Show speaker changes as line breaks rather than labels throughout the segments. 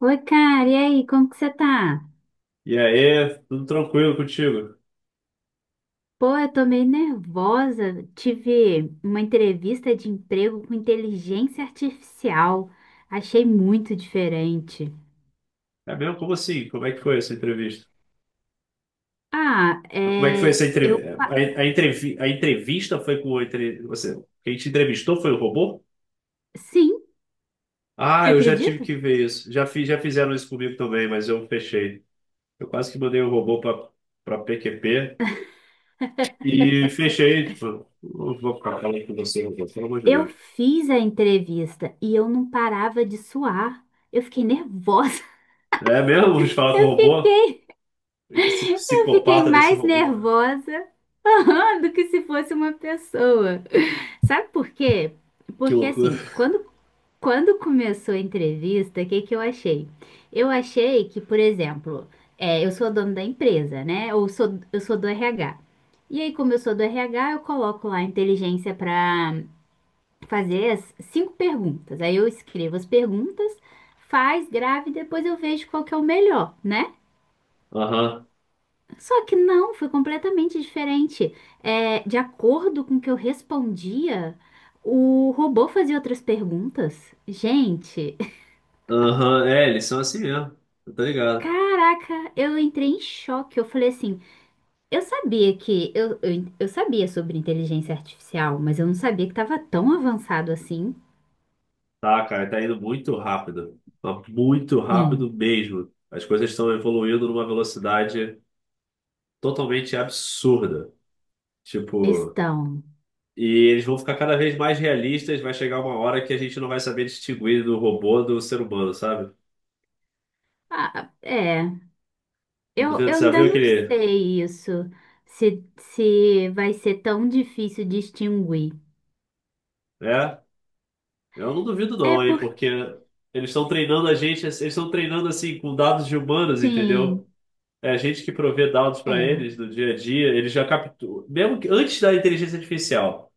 Oi, cara, e aí, como que você tá?
E aí, tudo tranquilo contigo?
Pô, eu tô meio nervosa. Tive uma entrevista de emprego com inteligência artificial. Achei muito diferente.
É mesmo? Como assim? Como é que foi essa entrevista?
Ah,
Como é que foi
é.
essa entrevista? A, a, entrevi- a entrevista foi com o entre... você. Quem te entrevistou foi o robô?
Sim, você
Ah, eu já tive
acredita?
que ver isso. Já fiz, já fizeram isso comigo também, mas eu fechei. Eu quase que mandei o robô para PQP e fechei. Tipo, não vou ficar falando com você, robô, pelo amor de
Eu
Deus.
fiz a entrevista e eu não parava de suar. Eu fiquei nervosa.
É mesmo? Vou te falar com
Eu
o robô?
fiquei.
Que Esse
Eu fiquei
psicopata desse
mais
robô.
nervosa do que se fosse uma pessoa. Sabe por quê?
Que
Porque
loucura.
assim, quando começou a entrevista, o que que eu achei? Eu achei que, por exemplo, eu sou dono da empresa, né? Eu sou do RH. E aí, como eu sou do RH, eu coloco lá a inteligência para fazer as cinco perguntas. Aí eu escrevo as perguntas, faz, grave, e depois eu vejo qual que é o melhor, né?
Aham.
Só que não, foi completamente diferente. É, de acordo com o que eu respondia, o robô fazia outras perguntas. Gente,
Aham, é, eles são assim mesmo. Eu tô ligado.
caraca, eu entrei em choque. Eu falei assim, eu sabia que eu sabia sobre inteligência artificial, mas eu não sabia que estava tão avançado assim.
Tá, cara, tá indo muito rápido. Mas muito rápido
Sim,
mesmo. As coisas estão evoluindo numa velocidade totalmente absurda. Tipo,
estão.
e eles vão ficar cada vez mais realistas. Vai chegar uma hora que a gente não vai saber distinguir do robô do ser humano, sabe?
Ah, é,
Não
eu,
duvido,
eu
você já
ainda
viu
não
aquele.
sei isso, se vai ser tão difícil distinguir.
É, eu não duvido,
É
não, hein, porque
porque,
eles estão treinando a gente, eles estão treinando assim com dados de humanos, entendeu?
sim.
É a gente que provê dados para
É,
eles do dia a dia, eles já capturam, mesmo que antes da inteligência artificial,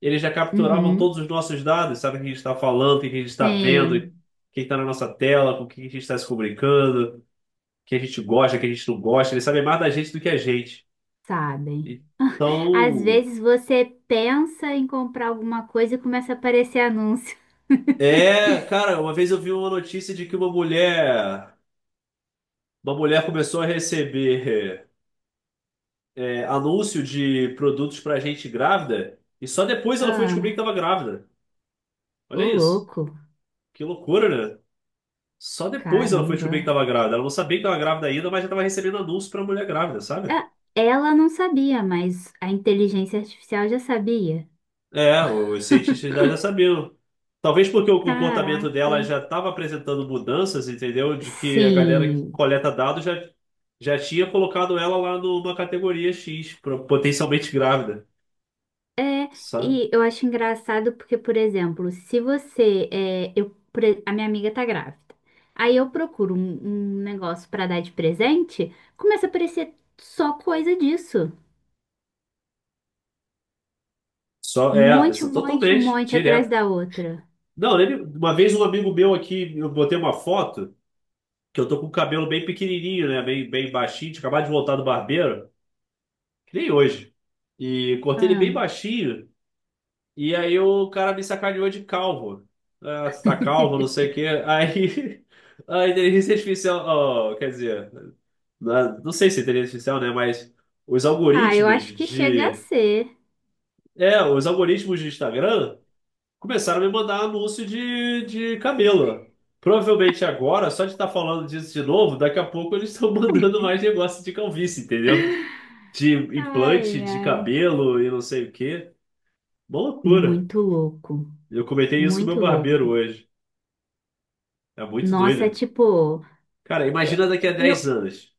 eles já capturavam
uhum,
todos os nossos dados, sabe o que a gente está falando, o que a gente está vendo,
sim,
quem está na nossa tela, com o que a gente está se comunicando, o que a gente gosta, o que a gente não gosta, eles sabem mais da gente do que a gente.
sabem. Às
Então,
vezes você pensa em comprar alguma coisa e começa a aparecer anúncio.
é, cara, uma vez eu vi uma notícia de que uma mulher, começou a receber anúncio de produtos para gente grávida e só depois ela foi descobrir que
Ah,
estava grávida.
ô
Olha isso.
louco,
Que loucura, né? Só depois ela foi
caramba.
descobrir que estava grávida. Ela não sabia que estava grávida ainda, mas já estava recebendo anúncio para mulher grávida, sabe?
Ah, ela não sabia, mas a inteligência artificial já sabia.
É, os cientistas da já sabiam. Talvez porque o comportamento
Caraca.
dela já estava apresentando mudanças, entendeu? De que a galera que
Sim,
coleta dados já tinha colocado ela lá numa categoria X, potencialmente grávida,
é,
sabe?
e eu acho engraçado porque, por exemplo, se você, é, eu, pre- a minha amiga tá grávida, aí eu procuro um negócio pra dar de presente, começa a aparecer só coisa disso.
Só,
Um
é,
monte, um
isso
monte, um
totalmente,
monte atrás
direto.
da outra.
Não, eu uma vez um amigo meu aqui, eu botei uma foto. Que eu tô com o cabelo bem pequenininho, né? Bem, bem baixinho. Tinha acabado de voltar do barbeiro, que nem hoje. E cortei ele bem
Ah,
baixinho. E aí o cara me sacaneou de calvo. Ah, você tá calvo, não sei o quê. Aí a inteligência artificial, oh, quer dizer, não sei se é inteligência artificial, né? Mas os
ah, eu
algoritmos
acho que chega a
de.
ser.
É, os algoritmos de Instagram. Começaram a me mandar anúncio de camelo. Provavelmente agora, só de estar falando disso de novo, daqui a pouco eles estão mandando mais negócio de calvície, entendeu? De
Ai,
implante de
ai,
cabelo e não sei o quê. Uma loucura.
muito louco,
Eu comentei isso com meu
muito
barbeiro
louco.
hoje. É muito
Nossa, é
doido.
tipo,
Cara,
é-
imagina daqui a dez
eu,
anos.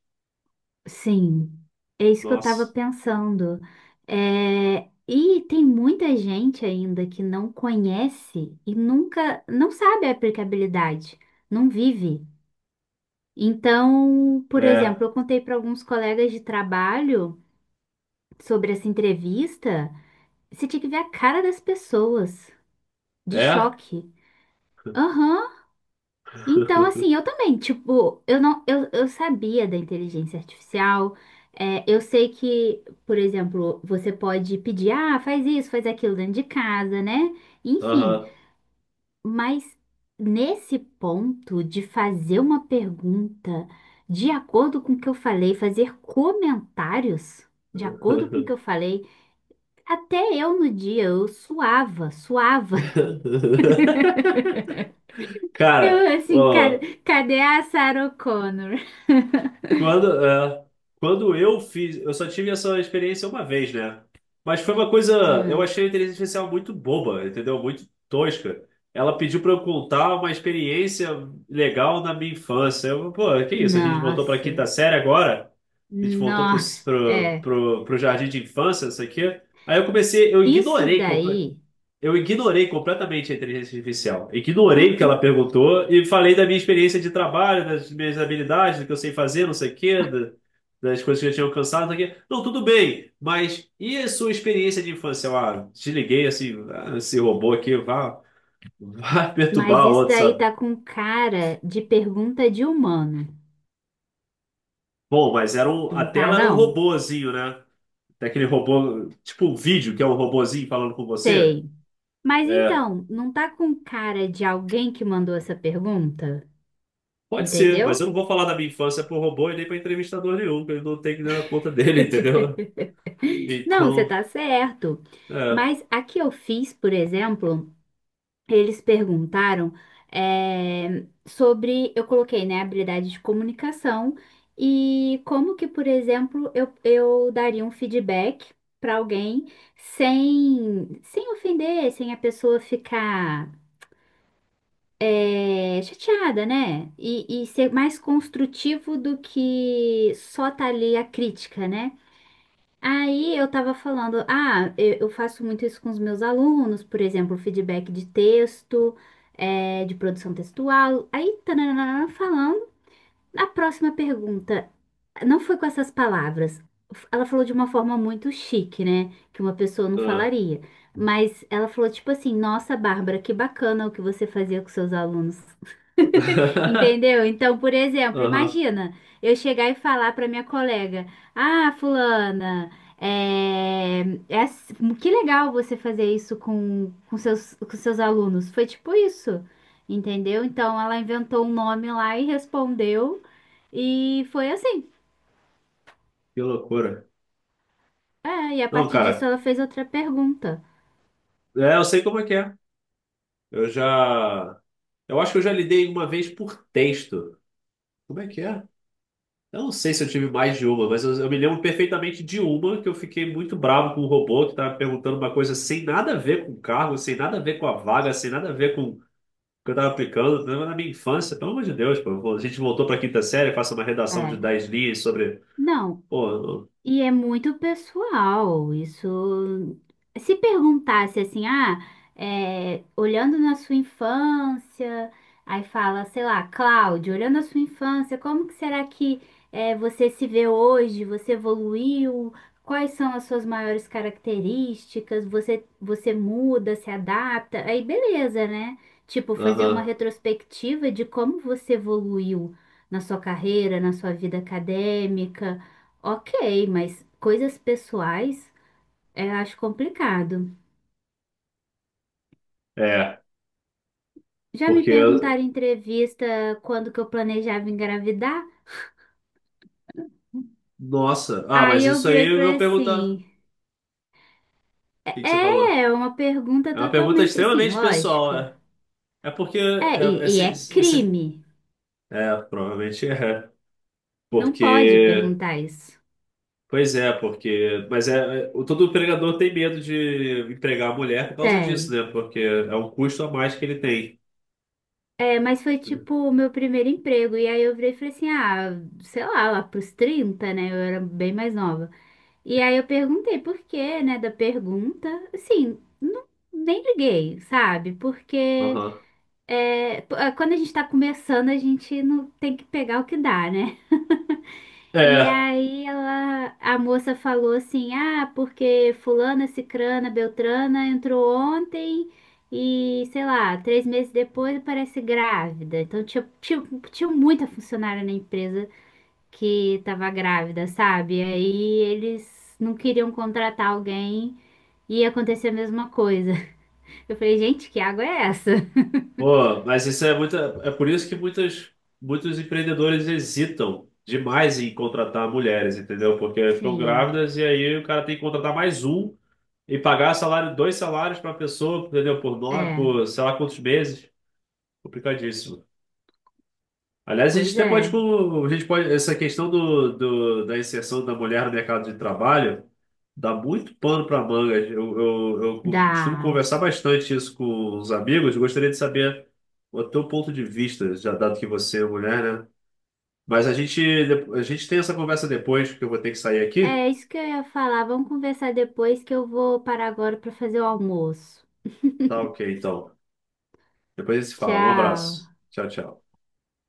Sim, é isso que eu estava
Nossa.
pensando. É, e tem muita gente ainda que não conhece e nunca, não sabe a aplicabilidade, não vive. Então, por
É.
exemplo, eu contei para alguns colegas de trabalho sobre essa entrevista. Você tinha que ver a cara das pessoas, de
É?
choque. Aham. Então, assim, eu também, tipo, eu não, eu sabia da inteligência artificial. Eu sei que, por exemplo, você pode pedir, faz isso, faz aquilo dentro de casa, né? Enfim,
Aham.
mas nesse ponto de fazer uma pergunta de acordo com o que eu falei, fazer comentários de acordo com o que eu falei, até eu no dia eu suava, suava.
Cara,
Eu assim, "Ca-
ó,
cadê a Sarah Connor?
quando, é, quando eu fiz, eu só tive essa experiência uma vez, né? Mas foi uma coisa, eu
Hum,
achei a inteligência artificial muito boba, entendeu? Muito tosca. Ela pediu para eu contar uma experiência legal na minha infância. Eu, pô, que isso? A gente voltou para quinta
nossa,
série agora? A gente voltou pro,
nossa,
pro,
é,
pro, pro jardim de infância, isso aqui? Aí eu comecei,
isso daí,
eu ignorei completamente a inteligência artificial. Ignorei o que
aham.
ela perguntou e falei da minha experiência de trabalho, das minhas habilidades, do que eu sei fazer, não sei o quê, das coisas que eu tinha alcançado, não sei o quê. Não, tudo bem, mas e a sua experiência de infância? Eu, ah, desliguei assim, ah, esse robô aqui, vá, vá
Mas
perturbar o
isso
outro,
daí
sabe?
tá com cara de pergunta de humano,
Bom, mas era um, a
não tá
tela era um
não?
robôzinho, né? Daquele robô, tipo um vídeo que é um robôzinho falando com você.
Sei. Mas
É,
então, não tá com cara de alguém que mandou essa pergunta,
pode ser, mas eu
entendeu?
não vou falar da minha infância pro robô e nem pra entrevistador nenhum, que ele não tem que dar conta dele, entendeu?
Não, você
Então,
tá certo.
é.
Mas a que eu fiz, por exemplo, eles perguntaram sobre, eu coloquei, né, habilidade de comunicação e como que, por exemplo, eu daria um feedback para alguém sem ofender, sem a pessoa ficar chateada, né? E ser mais construtivo do que só tá ali a crítica, né? Aí eu tava falando, eu faço muito isso com os meus alunos, por exemplo, feedback de texto, de produção textual. Aí, tananana, falando, a próxima pergunta não foi com essas palavras. Ela falou de uma forma muito chique, né? Que uma pessoa não
Ah.
falaria. Mas ela falou tipo assim: nossa, Bárbara, que bacana o que você fazia com seus alunos. Entendeu? Então, por exemplo,
Aham,
imagina eu chegar e falar para minha colega: ah, fulana, é, é ass- que legal você fazer isso com seus alunos. Foi tipo isso, entendeu? Então, ela inventou um nome lá e respondeu, e foi assim.
que loucura.
É, e a
Não,
partir disso,
cara,
ela fez outra pergunta.
é, eu sei como é que é. Eu já. Eu acho que eu já lidei uma vez por texto. Como é que é? Eu não sei se eu tive mais de uma, mas eu me lembro perfeitamente de uma que eu fiquei muito bravo com o robô que estava perguntando uma coisa sem nada a ver com o cargo, sem nada a ver com a vaga, sem nada a ver com que eu tava aplicando, né, na minha infância, pelo amor de Deus, pô, pô, a gente voltou pra quinta série, faça uma redação de
É,
10 linhas sobre.
não,
Pô,
e é muito pessoal. Isso. Se perguntasse assim, olhando na sua infância, aí fala, sei lá, Cláudio, olhando a sua infância, como que será que você se vê hoje? Você evoluiu? Quais são as suas maiores características? Você muda, se adapta? Aí beleza, né? Tipo,
não-
fazer uma
aham,
retrospectiva de como você evoluiu na sua carreira, na sua vida acadêmica. Ok, mas coisas pessoais eu acho complicado.
é,
Já me
porque.
perguntaram em entrevista quando que eu planejava engravidar.
Nossa, ah, mas
Aí eu
isso
virei e
aí eu
falei
vou perguntar. O
assim:
que que
é,
você
é
falou?
é uma pergunta
É uma pergunta
totalmente assim,
extremamente pessoal,
lógico.
é. É porque.
É, e, e é crime.
É, provavelmente é.
Não pode
Porque.
perguntar isso.
Pois é, porque. Mas todo empregador tem medo de empregar a mulher por causa disso,
Tem.
né? Porque é um custo a mais que ele tem.
É, mas foi tipo o meu primeiro emprego. E aí eu virei e falei assim: sei lá, lá pros 30, né? Eu era bem mais nova. E aí eu perguntei por quê, né, da pergunta. Assim, não, nem liguei, sabe? Porque
Aham.
quando a gente tá começando, a gente não tem que pegar o que dá, né? E
É,
aí ela, a moça falou assim, porque fulana, cicrana, beltrana entrou ontem e, sei lá, 3 meses depois parece grávida. Então tinha muita funcionária na empresa, que tava grávida, sabe? Aí eles não queriam contratar alguém e aconteceu a mesma coisa. Eu falei, gente, que água é essa?
pô, mas isso é muita, é por isso que muitas, muitos empreendedores hesitam demais em contratar mulheres, entendeu? Porque ficam
Sim,
grávidas e aí o cara tem que contratar mais um e pagar salário, dois salários para a pessoa, entendeu? Por 9,
é,
por sei lá quantos meses. Complicadíssimo. Aliás, a gente
pois
até pode,
é.
tipo, a gente pode, essa questão da inserção da mulher no mercado de trabalho dá muito pano para manga. Eu costumo
Dá.
conversar bastante isso com os amigos. Gostaria de saber o teu ponto de vista, já dado que você é mulher, né? Mas a gente tem essa conversa depois, porque eu vou ter que sair
É
aqui.
é isso que eu ia falar. Vamos conversar depois que eu vou parar agora para fazer o almoço.
Tá ok, então. Depois a gente se fala. Um abraço.
Tchau.
Tchau, tchau.